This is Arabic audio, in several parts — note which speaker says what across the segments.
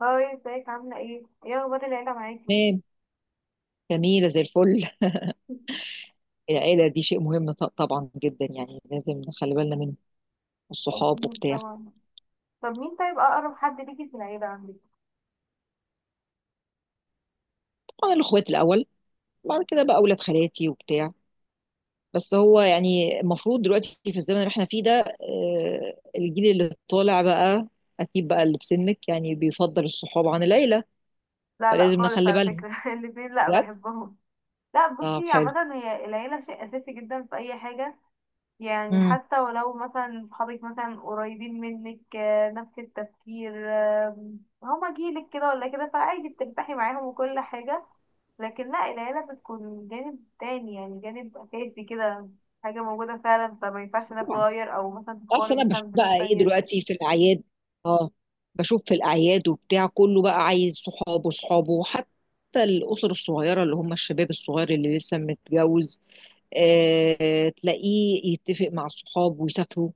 Speaker 1: هاي، ازيك؟ عاملة ايه؟ ايه اخبار العيلة معاكي؟
Speaker 2: تمام. جميلة زي الفل. العيلة دي شيء مهم، طبعا جدا، يعني لازم نخلي بالنا منه، الصحاب
Speaker 1: أكيد
Speaker 2: وبتاع.
Speaker 1: طبعا. طب، طيب اقرب حد ليكي في العيلة عندك؟
Speaker 2: طبعا الأخوات الأول، بعد كده بقى أولاد خالاتي وبتاع. بس هو يعني المفروض دلوقتي في الزمن اللي احنا فيه ده، الجيل اللي طالع بقى. أكيد بقى اللي في سنك يعني بيفضل الصحاب عن العيلة،
Speaker 1: لا لا
Speaker 2: فلازم
Speaker 1: خالص
Speaker 2: نخلي
Speaker 1: على
Speaker 2: بالنا
Speaker 1: فكرة. الاتنين لا
Speaker 2: بجد.
Speaker 1: بحبهم. لا،
Speaker 2: طب
Speaker 1: بصي،
Speaker 2: حلو.
Speaker 1: عامة هي العيلة شيء اساسي جدا في اي حاجة، يعني
Speaker 2: مم.
Speaker 1: حتى ولو مثلا صحابك مثلا قريبين منك، نفس التفكير، هما جيلك كده ولا كده. فعادي بترتاحي معاهم وكل حاجة، لكن لا، العيلة بتكون جانب تاني، يعني جانب أساسي كده، حاجة موجودة فعلا، فما ينفعش انها تتغير أو مثلا
Speaker 2: اصل
Speaker 1: تتقارن
Speaker 2: انا
Speaker 1: مثلا
Speaker 2: بشوف
Speaker 1: بناس
Speaker 2: بقى ايه
Speaker 1: تانية.
Speaker 2: دلوقتي في الاعياد. اه. بشوف في الاعياد وبتاع كله بقى عايز صحابه صحابه، وحتى الاسر الصغيره اللي هم الشباب الصغير اللي لسه متجوز، آه تلاقيه يتفق مع الصحاب ويسافروا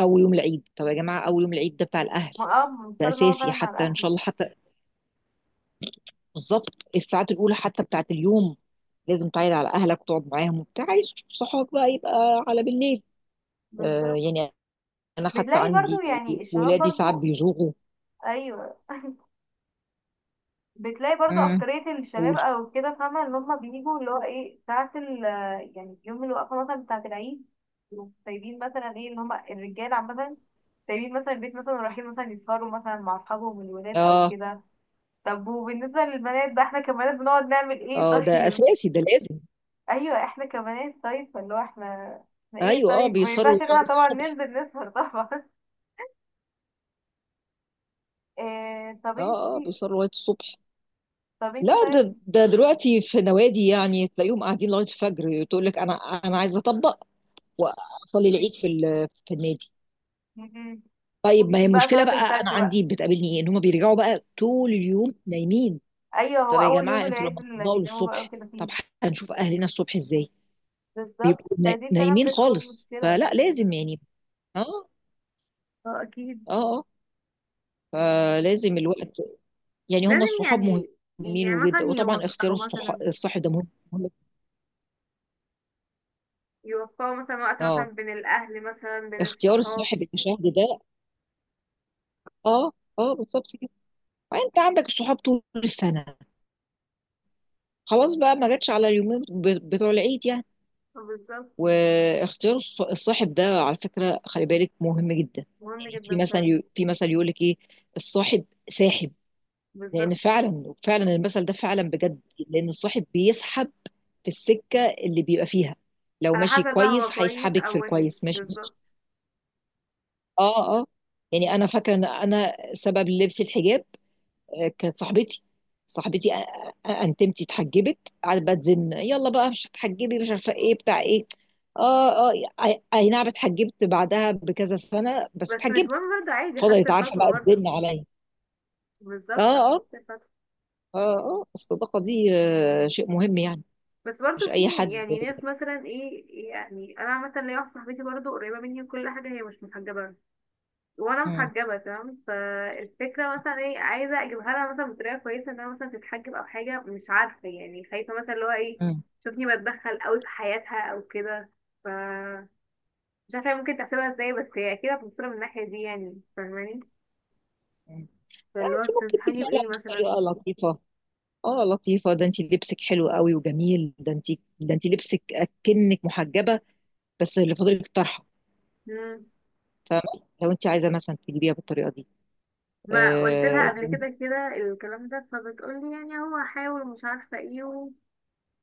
Speaker 2: اول يوم العيد. طب يا جماعه، اول يوم العيد ده بتاع الاهل.
Speaker 1: ما
Speaker 2: ده
Speaker 1: مضطر ان هو فعلا
Speaker 2: اساسي،
Speaker 1: مع
Speaker 2: حتى ان شاء
Speaker 1: الأهل.
Speaker 2: الله، حتى بالظبط الساعات الاولى حتى بتاعت اليوم لازم تعيد على اهلك وتقعد معاهم وبتاع. عايز صحابك بقى يبقى على بالليل. آه
Speaker 1: بالظبط.
Speaker 2: يعني. انا حتى
Speaker 1: بتلاقي برضو
Speaker 2: عندي
Speaker 1: يعني الشباب
Speaker 2: ولادي ساعات
Speaker 1: برضو.
Speaker 2: بيزوغوا.
Speaker 1: أيوة، بتلاقي برضو أكترية الشباب
Speaker 2: قولي.
Speaker 1: أو كده فاهمة إن هما بيجوا اللي هو إيه، ساعة ال، يعني يوم الوقفة مثلا بتاعة العيد، يقوموا سايبين مثلا، إيه، إن هما الرجالة عامة سايبين مثلا البيت مثلا، ورايحين مثلا يسهروا مثلا مع أصحابهم الولاد أو
Speaker 2: اه
Speaker 1: كده. طب وبالنسبة للبنات بقى، إحنا كبنات بنقعد نعمل إيه
Speaker 2: اه، ده
Speaker 1: طيب؟
Speaker 2: اساسي، ده لازم.
Speaker 1: أيوة، إحنا كبنات طيب، فاللي هو إحنا إيه
Speaker 2: ايوه، اه
Speaker 1: طيب، ما
Speaker 2: بيسهروا
Speaker 1: ينفعش إن إحنا
Speaker 2: لغايه
Speaker 1: طبعا
Speaker 2: الصبح.
Speaker 1: ننزل نسهر طبعا. إيه طب
Speaker 2: اه اه
Speaker 1: إنتي،
Speaker 2: بيسهروا لغايه الصبح.
Speaker 1: طب
Speaker 2: لا،
Speaker 1: إنتي
Speaker 2: ده
Speaker 1: طيب،
Speaker 2: ده دلوقتي في نوادي، يعني تلاقيهم قاعدين لغايه الفجر. تقول لك انا انا عايزه اطبق واصلي العيد في في النادي.
Speaker 1: م- م-
Speaker 2: طيب، ما هي
Speaker 1: ممكن بقى
Speaker 2: المشكله
Speaker 1: صلاة
Speaker 2: بقى. انا
Speaker 1: الفجر بقى.
Speaker 2: عندي بتقابلني ايه، ان هم بيرجعوا بقى طول اليوم نايمين.
Speaker 1: ايوه، هو
Speaker 2: طب يا
Speaker 1: اول يوم
Speaker 2: جماعه، انتوا
Speaker 1: العيد
Speaker 2: لما
Speaker 1: اللي
Speaker 2: تطبقوا
Speaker 1: بيناموا بقى
Speaker 2: للصبح،
Speaker 1: وكده
Speaker 2: طب
Speaker 1: فيه.
Speaker 2: هنشوف اهلنا الصبح ازاي.
Speaker 1: بالظبط، فدي فعلا
Speaker 2: نايمين
Speaker 1: بتكون
Speaker 2: خالص،
Speaker 1: مشكلة.
Speaker 2: فلا، لازم يعني. اه
Speaker 1: اه اكيد.
Speaker 2: اه اه. فلازم الوقت، يعني هم
Speaker 1: لازم
Speaker 2: الصحاب
Speaker 1: يعني، يعني
Speaker 2: مهمين
Speaker 1: مثلا
Speaker 2: جدا، وطبعا اختيار
Speaker 1: يوفقوا مثلا،
Speaker 2: الصاحب ده مهم. مهم.
Speaker 1: يوفقوا مثلا وقت مثلا
Speaker 2: اه،
Speaker 1: بين الاهل مثلا بين
Speaker 2: اختيار
Speaker 1: الصحاب.
Speaker 2: الصاحب المشاهد ده. اه اه، بالظبط كده. انت عندك صحاب طول السنه، خلاص بقى، ما جاتش على اليومين بتوع العيد يعني.
Speaker 1: بالظبط.
Speaker 2: واختيار الصاحب ده، على فكره خلي بالك مهم جدا.
Speaker 1: مهم
Speaker 2: يعني في
Speaker 1: جدا فعلا.
Speaker 2: مثلا، في مثل يقول لك ايه، الصاحب ساحب. لان
Speaker 1: بالظبط.
Speaker 2: فعلا فعلا المثل ده فعلا بجد، لان الصاحب بيسحب في السكه اللي بيبقى فيها. لو
Speaker 1: على
Speaker 2: ماشي
Speaker 1: حسب بقى
Speaker 2: كويس
Speaker 1: هو كويس
Speaker 2: هيسحبك في
Speaker 1: او وحش،
Speaker 2: الكويس ماشي.
Speaker 1: بالظبط.
Speaker 2: اه اه. يعني انا فاكره ان انا سبب لبس الحجاب، كانت صاحبتي، صاحبتي انتمتي اتحجبت. قعدت بقى تزن، يلا بقى مش هتحجبي، مش عارفه ايه بتاع ايه. اه اه. اي أي نعم، اتحجبت بعدها بكذا سنه، بس
Speaker 1: بس مش
Speaker 2: اتحجبت.
Speaker 1: مهم برضه، عادي خدت
Speaker 2: فضلت عارفه
Speaker 1: الخطوه
Speaker 2: بقى
Speaker 1: برضه.
Speaker 2: تزن عليا. اه
Speaker 1: بالظبط،
Speaker 2: اه.
Speaker 1: خدت الخطوه.
Speaker 2: اه اه، الصداقه دي شيء مهم يعني.
Speaker 1: بس برضه
Speaker 2: مش اي
Speaker 1: في
Speaker 2: حد.
Speaker 1: يعني ناس مثلا، ايه يعني انا مثلا ليا واحده صاحبتي برضه قريبه مني وكل حاجه، هي مش محجبه وانا
Speaker 2: مم.
Speaker 1: محجبه تمام، فالفكره مثلا ايه، عايزه اجيبها لها مثلا بطريقه كويسه انها مثلا تتحجب او حاجه، مش عارفه يعني، خايفه مثلا اللي هو ايه
Speaker 2: مم.
Speaker 1: تشوفني بتدخل قوي في حياتها او كده. ف مش عارفه هي ممكن تحسبها ازاي، بس هي اكيد هتبصلها من الناحيه دي، يعني فاهماني.
Speaker 2: مم. يعني
Speaker 1: فاللي هو
Speaker 2: انت ممكن
Speaker 1: تنصحيني
Speaker 2: تجيبها لها
Speaker 1: بايه مثلا؟
Speaker 2: بطريقه لطيفه. اه لطيفة، ده انتي لبسك حلو قوي وجميل، ده انتي، ده انتي لبسك اكنك محجبة، بس اللي فاضلك طرحة.
Speaker 1: مم.
Speaker 2: فاهمة، لو انتي عايزة مثلا تجيبيها بالطريقة دي.
Speaker 1: ما قلت لها
Speaker 2: آه.
Speaker 1: قبل كده الكلام ده، فبتقولي يعني هو هحاول ومش عارفه ايه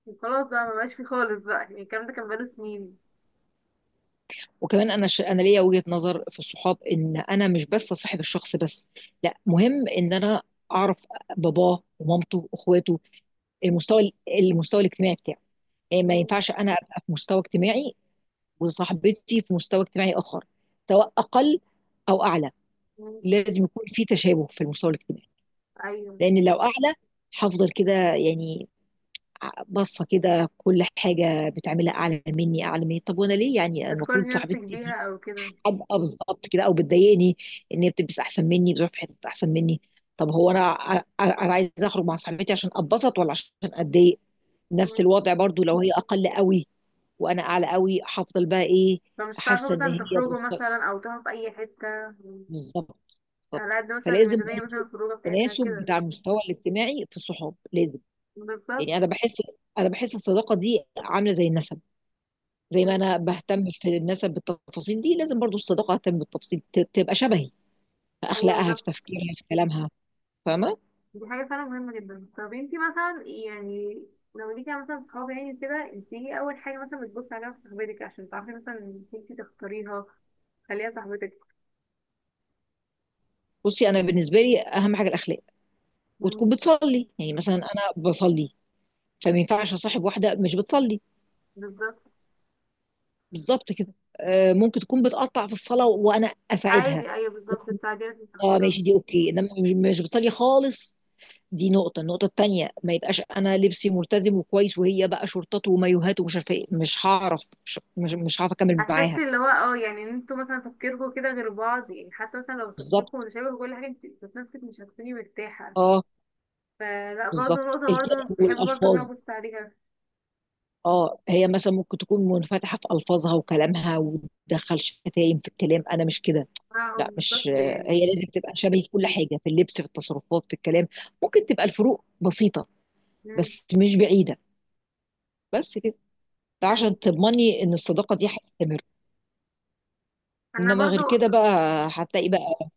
Speaker 1: وخلاص بقى، مبقاش فيه خالص بقى، يعني الكلام ده كان بقاله سنين.
Speaker 2: وكمان انا انا ليا وجهة نظر في الصحاب، ان انا مش بس صاحب الشخص بس، لا، مهم ان انا اعرف باباه ومامته واخواته، المستوى المستوى الاجتماعي بتاعه. يعني ما
Speaker 1: مم.
Speaker 2: ينفعش انا ابقى في مستوى اجتماعي وصاحبتي في مستوى اجتماعي اخر، سواء اقل او اعلى.
Speaker 1: مم.
Speaker 2: لازم يكون في تشابه في المستوى الاجتماعي.
Speaker 1: ايوه،
Speaker 2: لان لو اعلى، هفضل كده يعني، باصه كده كل حاجه بتعملها اعلى مني اعلى مني. طب وانا ليه يعني، المفروض
Speaker 1: بتقارني نفسك
Speaker 2: صاحبتي
Speaker 1: بيها
Speaker 2: دي
Speaker 1: او كده.
Speaker 2: ابقى بالظبط كده، او بتضايقني ان هي بتلبس احسن مني، بتروح في حته احسن مني. طب هو انا انا عايزه اخرج مع صاحبتي عشان اتبسط ولا عشان اتضايق. نفس
Speaker 1: مم.
Speaker 2: الوضع برضو لو هي اقل قوي وانا اعلى قوي، هفضل بقى ايه،
Speaker 1: فمش هتعرفوا
Speaker 2: حاسه ان
Speaker 1: مثلا
Speaker 2: هي
Speaker 1: تخرجوا
Speaker 2: بالظبط.
Speaker 1: مثلا او تروحوا في اي حتة. مم.
Speaker 2: بالظبط.
Speaker 1: على
Speaker 2: بالظبط.
Speaker 1: قد مثلا
Speaker 2: فلازم
Speaker 1: الميزانية مثلا،
Speaker 2: برضو
Speaker 1: الخروجة بتاعتها
Speaker 2: تناسب
Speaker 1: كده.
Speaker 2: بتاع المستوى الاجتماعي في الصحاب، لازم
Speaker 1: بالظبط.
Speaker 2: يعني. انا بحس، انا بحس الصداقه دي عامله زي النسب. زي ما
Speaker 1: مم.
Speaker 2: انا بهتم في النسب بالتفاصيل دي، لازم برضو الصداقه اهتم بالتفاصيل تبقى شبهي في
Speaker 1: ايوه
Speaker 2: اخلاقها، في
Speaker 1: بالظبط.
Speaker 2: تفكيرها، في كلامها. فاهمه.
Speaker 1: دي حاجة فعلا مهمة جدا. طب انتي مثلا يعني، لو ليكي مثلا صحاب يعني كده، انتي ايه اول حاجة مثلا بتبصي عليها في صاحبتك عشان تعرفي مثلا إنك انتي تختاريها، تخليها صاحبتك؟
Speaker 2: بصي، انا بالنسبه لي اهم حاجه الاخلاق.
Speaker 1: مم.
Speaker 2: وتكون بتصلي، يعني مثلا انا بصلي، فما ينفعش اصاحب واحده مش بتصلي.
Speaker 1: بالظبط.
Speaker 2: بالظبط كده. ممكن تكون بتقطع في الصلاه وانا اساعدها.
Speaker 1: عادي ايوه، بالظبط تساعديها في
Speaker 2: اه
Speaker 1: صاحبها.
Speaker 2: ماشي، دي اوكي، انما مش بتصلي خالص. دي نقطة. النقطة التانية، ما يبقاش أنا لبسي ملتزم وكويس، وهي بقى شورتات ومايوهات ومش عارفة إيه. مش هعرف، مش هعرف أكمل معاها.
Speaker 1: هتحسي اللي هو، يعني ان انتوا مثلا تفكيركم كده غير بعض، يعني حتى مثلا لو
Speaker 2: بالظبط.
Speaker 1: تفكيركم متشابه في كل حاجة، انت ذات نفسك مش هتكوني مرتاحة.
Speaker 2: أه.
Speaker 1: فلا، برضه
Speaker 2: بالظبط،
Speaker 1: نقطة برضه
Speaker 2: الكلام
Speaker 1: بحب برضه ان انا
Speaker 2: والألفاظ.
Speaker 1: ابص عليها.
Speaker 2: أه، هي مثلا ممكن تكون منفتحة في ألفاظها وكلامها وتدخل شتايم في الكلام، أنا مش كده.
Speaker 1: اه
Speaker 2: لا، مش.
Speaker 1: بالظبط،
Speaker 2: هي
Speaker 1: يعني.
Speaker 2: لازم تبقى شبهي في كل حاجة، في اللبس، في التصرفات، في الكلام. ممكن تبقى الفروق بسيطة
Speaker 1: مم.
Speaker 2: بس مش بعيدة. بس كده، ده عشان
Speaker 1: طيب.
Speaker 2: تضمني إن الصداقة دي هتستمر،
Speaker 1: انا
Speaker 2: إنما غير
Speaker 1: برضه
Speaker 2: كده بقى هتلاقي بقى.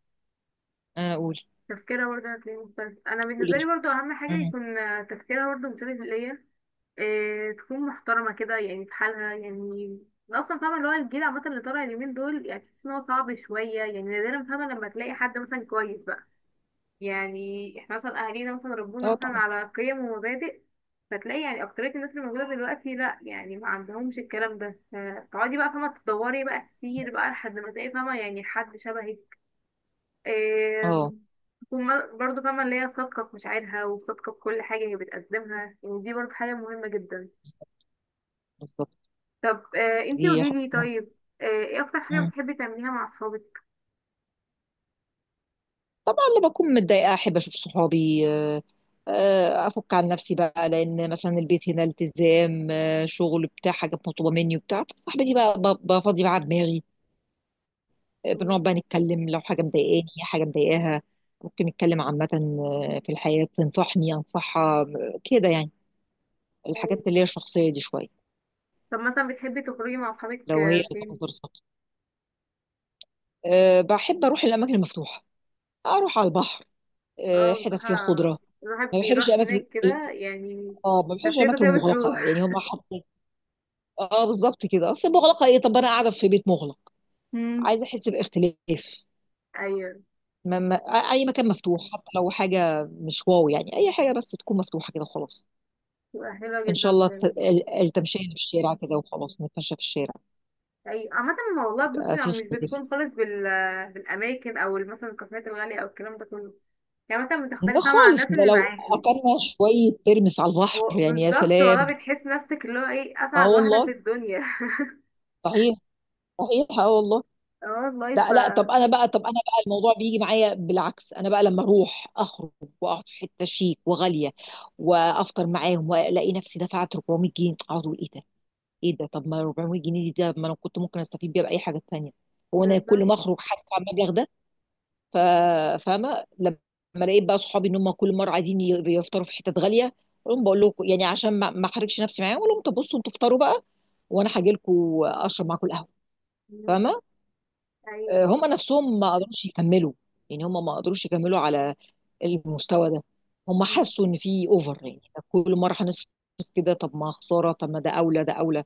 Speaker 2: أقول.
Speaker 1: تفكيرها برضه هتلاقيه مختلف. انا بالنسبة لي
Speaker 2: قولي.
Speaker 1: برضه اهم حاجة
Speaker 2: امم
Speaker 1: يكون تفكيرها برضه مشابه ليا، إيه، تكون محترمة كده يعني في حالها يعني. أنا اصلا فاهمه اللي هو الجيل عامه اللي طالع اليومين دول، يعني تحس ان هو صعب شويه يعني، نادرا فاهمه لما تلاقي حد مثلا كويس بقى. يعني احنا مثلا اهالينا مثلا ربونا
Speaker 2: اه
Speaker 1: مثلا
Speaker 2: طبعا.
Speaker 1: على قيم ومبادئ، فتلاقي يعني اكترية الناس اللي موجودة دلوقتي لا يعني ما عندهمش الكلام ده، فتقعدي بقى فاهمة تدوري بقى كتير بقى لحد ما تلاقي فاهمة يعني حد شبهك.
Speaker 2: اه
Speaker 1: آم، تكون برضه فاهمة اللي هي صادقة في مشاعرها وصادقة في كل حاجة هي بتقدمها، يعني دي برضه حاجة مهمة جدا.
Speaker 2: بالظبط،
Speaker 1: طب، انتي
Speaker 2: دي حاجة
Speaker 1: قوليلي
Speaker 2: مهمة.
Speaker 1: طيب، ايه اكتر حاجة
Speaker 2: مم.
Speaker 1: بتحبي تعمليها مع اصحابك؟
Speaker 2: طبعا لما اكون متضايقه احب اشوف صحابي، افك عن نفسي بقى، لان مثلا البيت هنا التزام، شغل بتاع، حاجه مطلوبه مني وبتاع. صاحبتي بقى بفضي معاها دماغي،
Speaker 1: مم.
Speaker 2: بنقعد بقى نتكلم، لو حاجه مضايقاني حاجه مضايقاها. ممكن نتكلم عامه في الحياه، تنصحني انصحها، كده يعني، الحاجات
Speaker 1: طيب.
Speaker 2: اللي هي الشخصيه دي شويه.
Speaker 1: طب مثلا بتحبي تخرجي مع اصحابك
Speaker 2: لو هي
Speaker 1: فين؟
Speaker 2: منظر سطحي، أه بحب اروح الاماكن المفتوحه، اروح على البحر،
Speaker 1: اه
Speaker 2: حتت فيها
Speaker 1: بصراحة
Speaker 2: خضره.
Speaker 1: الواحد
Speaker 2: ما بحبش
Speaker 1: بيروح
Speaker 2: الاماكن
Speaker 1: هناك
Speaker 2: ال-
Speaker 1: كده يعني،
Speaker 2: اه، ما بحبش
Speaker 1: نفسيته
Speaker 2: الاماكن
Speaker 1: كده
Speaker 2: المغلقه، يعني
Speaker 1: بتروح.
Speaker 2: هم حاطين. اه بالظبط كده. اصل مغلقه ايه، طب انا قاعده في بيت مغلق،
Speaker 1: امم
Speaker 2: عايزه احس باختلاف.
Speaker 1: ايوه،
Speaker 2: ما اي مكان مفتوح، حتى لو حاجه مش واو، يعني اي حاجه بس تكون مفتوحه كده خلاص.
Speaker 1: بتبقى حلوة
Speaker 2: ان شاء
Speaker 1: جدا
Speaker 2: الله
Speaker 1: فعلا.
Speaker 2: التمشيه اللي في الشارع كده، وخلاص نتمشى في الشارع،
Speaker 1: ايوه عامة، ما والله بصي،
Speaker 2: يبقى
Speaker 1: ما
Speaker 2: في
Speaker 1: مش
Speaker 2: اختلاف.
Speaker 1: بتكون خالص بال، بالأماكن أو مثلا الكافيهات الغالية أو الكلام ده كله، يعني مثلا
Speaker 2: ده
Speaker 1: بتختلف بقى مع
Speaker 2: خالص،
Speaker 1: الناس
Speaker 2: ده
Speaker 1: اللي
Speaker 2: لو
Speaker 1: معاكي.
Speaker 2: اكلنا شويه ترمس على البحر
Speaker 1: هو
Speaker 2: يعني يا
Speaker 1: بالظبط، والله
Speaker 2: سلام.
Speaker 1: بتحس نفسك اللي هو ايه
Speaker 2: اه
Speaker 1: أسعد واحدة في
Speaker 2: والله.
Speaker 1: الدنيا.
Speaker 2: صحيح. صحيح اه والله.
Speaker 1: اه والله.
Speaker 2: ده لا، طب انا بقى، طب انا بقى الموضوع بيجي معايا بالعكس. انا بقى لما اروح اخرج واقعد في حته شيك وغاليه وافطر معاهم، والاقي نفسي دفعت 400 جنيه، اقعد اقول ايه ده، ايه ده. طب ما 400 جنيه دي، ده ما انا كنت ممكن استفيد بيها باي حاجه تانيه. هو انا كل
Speaker 1: بالظبط.
Speaker 2: ما اخرج هدفع المبلغ ده. ف-. فاهمه لما لقيت بقى صحابي ان هم كل مره عايزين يفطروا في حتت غاليه، اقول لهم بقول لكم يعني، عشان ما احرجش نفسي معاهم، اقول لهم طب بصوا انتوا افطروا بقى وانا هاجي لكم اشرب معاكم القهوه.
Speaker 1: مم.
Speaker 2: فاهمه.
Speaker 1: ايوه.
Speaker 2: هم نفسهم ما قدروش يكملوا، يعني هم ما قدروش يكملوا على المستوى ده. هم
Speaker 1: مم.
Speaker 2: حسوا ان في اوفر، يعني طب كل مره هنصرف كده، طب ما خساره، طب ما ده اولى، ده اولى.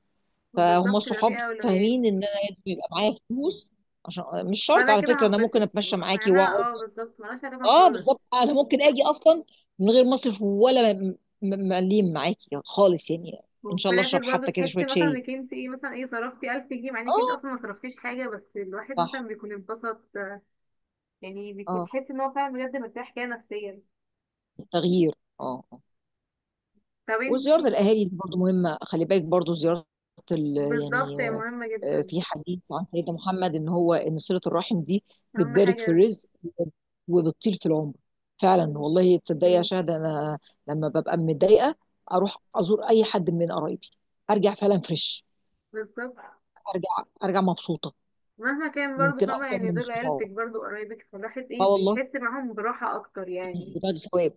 Speaker 2: فهم
Speaker 1: وبالظبط بيبقى فيه
Speaker 2: الصحاب
Speaker 1: أولويات.
Speaker 2: فاهمين ان انا لازم يبقى معايا فلوس عشان، مش شرط
Speaker 1: فأنا
Speaker 2: على
Speaker 1: كده
Speaker 2: فكره، انا ممكن
Speaker 1: هنبسط،
Speaker 2: اتمشى
Speaker 1: مع
Speaker 2: معاكي
Speaker 1: إنها
Speaker 2: واقعد.
Speaker 1: بالظبط ملهاش علاقة
Speaker 2: اه
Speaker 1: خالص.
Speaker 2: بالظبط، انا ممكن اجي اصلا من غير مصرف ولا مليم معاكي خالص يعني. ان شاء
Speaker 1: وفي
Speaker 2: الله
Speaker 1: الاخر
Speaker 2: اشرب
Speaker 1: برضو
Speaker 2: حتى كده شويه
Speaker 1: تحسي مثلا
Speaker 2: شاي.
Speaker 1: انك انت، ايه مثلا، ايه صرفتي 1000 جنيه، مع انك انت
Speaker 2: اه.
Speaker 1: اصلا ما صرفتيش حاجه، بس الواحد مثلا
Speaker 2: صح.
Speaker 1: بيكون انبسط. يعني بيكون
Speaker 2: اه.
Speaker 1: تحس ان هو فعلا بجد مرتاح كده نفسيا.
Speaker 2: تغيير. اه.
Speaker 1: طب انت،
Speaker 2: وزيارة الأهالي دي برضو مهمة، خلي بالك، برضو زيارة ال، يعني،
Speaker 1: بالظبط هي مهمه جدا.
Speaker 2: في حديث عن سيدنا محمد، إن هو إن صلة الرحم دي
Speaker 1: اهم
Speaker 2: بتبارك في
Speaker 1: حاجه.
Speaker 2: الرزق وبتطيل في العمر. فعلا
Speaker 1: مم،
Speaker 2: والله، تصدقي يا شهد، أنا لما ببقى متضايقة أروح أزور أي حد من قرايبي، أرجع فعلا فريش،
Speaker 1: بالظبط.
Speaker 2: أرجع مبسوطة.
Speaker 1: مهما كان برضو
Speaker 2: ممكن
Speaker 1: فاهمه،
Speaker 2: أكتر
Speaker 1: يعني
Speaker 2: من
Speaker 1: دول
Speaker 2: الصحاب.
Speaker 1: عيلتك برضو، قرايبك، فالواحد ايه
Speaker 2: أه والله،
Speaker 1: بيحس معاهم براحه اكتر يعني.
Speaker 2: بتاع ثواب.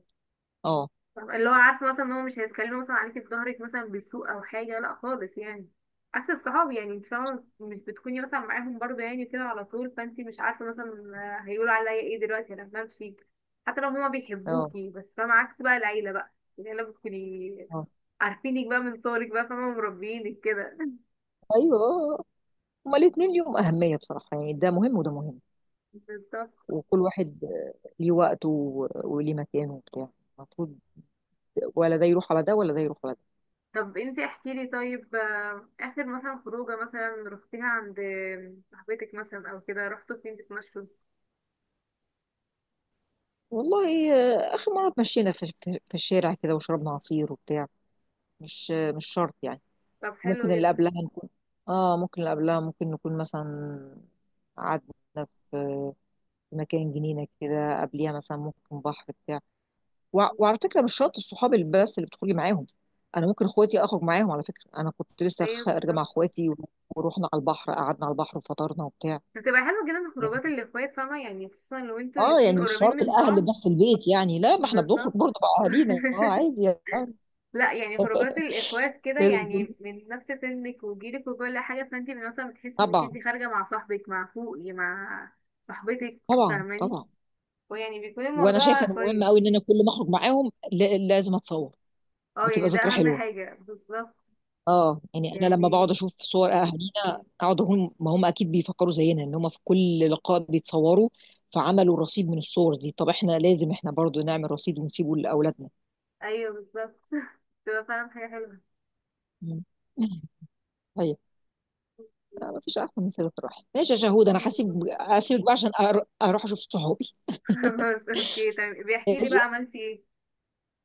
Speaker 2: أه.
Speaker 1: طب اللي هو عارفه مثلا ان هو مش هيتكلموا مثلا عليكي في ظهرك مثلا بالسوء او حاجه، لا خالص يعني. عكس الصحاب، يعني انت فاهمه مش بتكوني مثلا معاهم برضه يعني كده على طول، فانت مش عارفه مثلا هيقولوا عليا ايه دلوقتي لما امشي. حتى لو هما
Speaker 2: أه.
Speaker 1: بيحبوكي، بس فاهمه عكس بقى العيله بقى. العيله بتكوني
Speaker 2: أه.
Speaker 1: عارفينك بقى من صغرك بقى، فاهمه مربيينك كده.
Speaker 2: أيوه، هما الاتنين ليهم أهمية بصراحة، يعني ده مهم وده مهم،
Speaker 1: بالظبط.
Speaker 2: وكل واحد ليه وقته، و- وليه مكانه وبتاع. المفروض ولا ده يروح على ده، ولا ده يروح على ده.
Speaker 1: طب انت احكي لي طيب، اخر مثلا خروجه مثلا رحتيها عند صاحبتك مثلا او كده، رحتوا فين تتمشوا؟
Speaker 2: والله، آخر مرة اتمشينا في الشارع كده وشربنا عصير وبتاع. مش، مش شرط يعني.
Speaker 1: طب حلو
Speaker 2: ممكن اللي
Speaker 1: جدا.
Speaker 2: قبلها نكون، اه ممكن اللي قبلها ممكن نكون مثلا قعدنا في مكان جنينة كده، قبليها مثلا ممكن بحر بتاع وعلى فكره مش شرط الصحاب اللي بس اللي بتخرجي معاهم، انا ممكن اخواتي اخرج معاهم. على فكره انا كنت لسه
Speaker 1: ايوه
Speaker 2: خارجه مع
Speaker 1: بالظبط.
Speaker 2: اخواتي، ورحنا على البحر، قعدنا على البحر وفطرنا وبتاع.
Speaker 1: بتبقى حلوة جدا
Speaker 2: يعني
Speaker 1: خروجات الإخوات، فاهمة يعني، خصوصا لو انتوا
Speaker 2: اه،
Speaker 1: الاتنين
Speaker 2: يعني مش
Speaker 1: قريبين
Speaker 2: شرط
Speaker 1: من
Speaker 2: الاهل
Speaker 1: بعض.
Speaker 2: بس البيت، يعني لا، ما احنا بنخرج
Speaker 1: بالظبط.
Speaker 2: برضه مع اهالينا اه عادي يعني.
Speaker 1: لا يعني خروجات الإخوات كده
Speaker 2: لازم يكون-.
Speaker 1: يعني من نفس سنك وجيلك وكل حاجة، فانت مثلا بتحسي انك
Speaker 2: طبعا.
Speaker 1: انت خارجة مع صاحبك، مع فوقي، مع صاحبتك،
Speaker 2: طبعا
Speaker 1: فاهماني؟
Speaker 2: طبعا.
Speaker 1: ويعني بيكون
Speaker 2: وانا
Speaker 1: الموضوع
Speaker 2: شايفه انه مهم
Speaker 1: كويس.
Speaker 2: قوي، ان انا كل ما اخرج معاهم لازم اتصور،
Speaker 1: اه
Speaker 2: بتبقى
Speaker 1: يعني ده
Speaker 2: ذكرى
Speaker 1: أهم
Speaker 2: حلوه.
Speaker 1: حاجة، بالظبط
Speaker 2: اه يعني انا لما
Speaker 1: يعني.
Speaker 2: بقعد اشوف صور اهالينا، اقعد اقول ما هم اكيد بيفكروا زينا، ان هم في كل لقاء بيتصوروا، فعملوا رصيد من الصور دي. طب احنا لازم احنا برضو نعمل رصيد ونسيبه لاولادنا.
Speaker 1: أيوه بالظبط. تبقى فعلا حاجة حلوة.
Speaker 2: مم. طيب، ما فيش احسن من صله الرحم. ماشي يا شهود، انا
Speaker 1: أكيد والله.
Speaker 2: هسيبك بقى عشان اروح اشوف صحابي.
Speaker 1: خلاص، اوكي طيب، بيحكي لي بقى
Speaker 2: ماشي،
Speaker 1: عملتي ايه.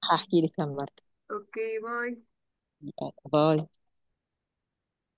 Speaker 2: هحكي لك لما
Speaker 1: اوكي، باي.
Speaker 2: أرجع. باي.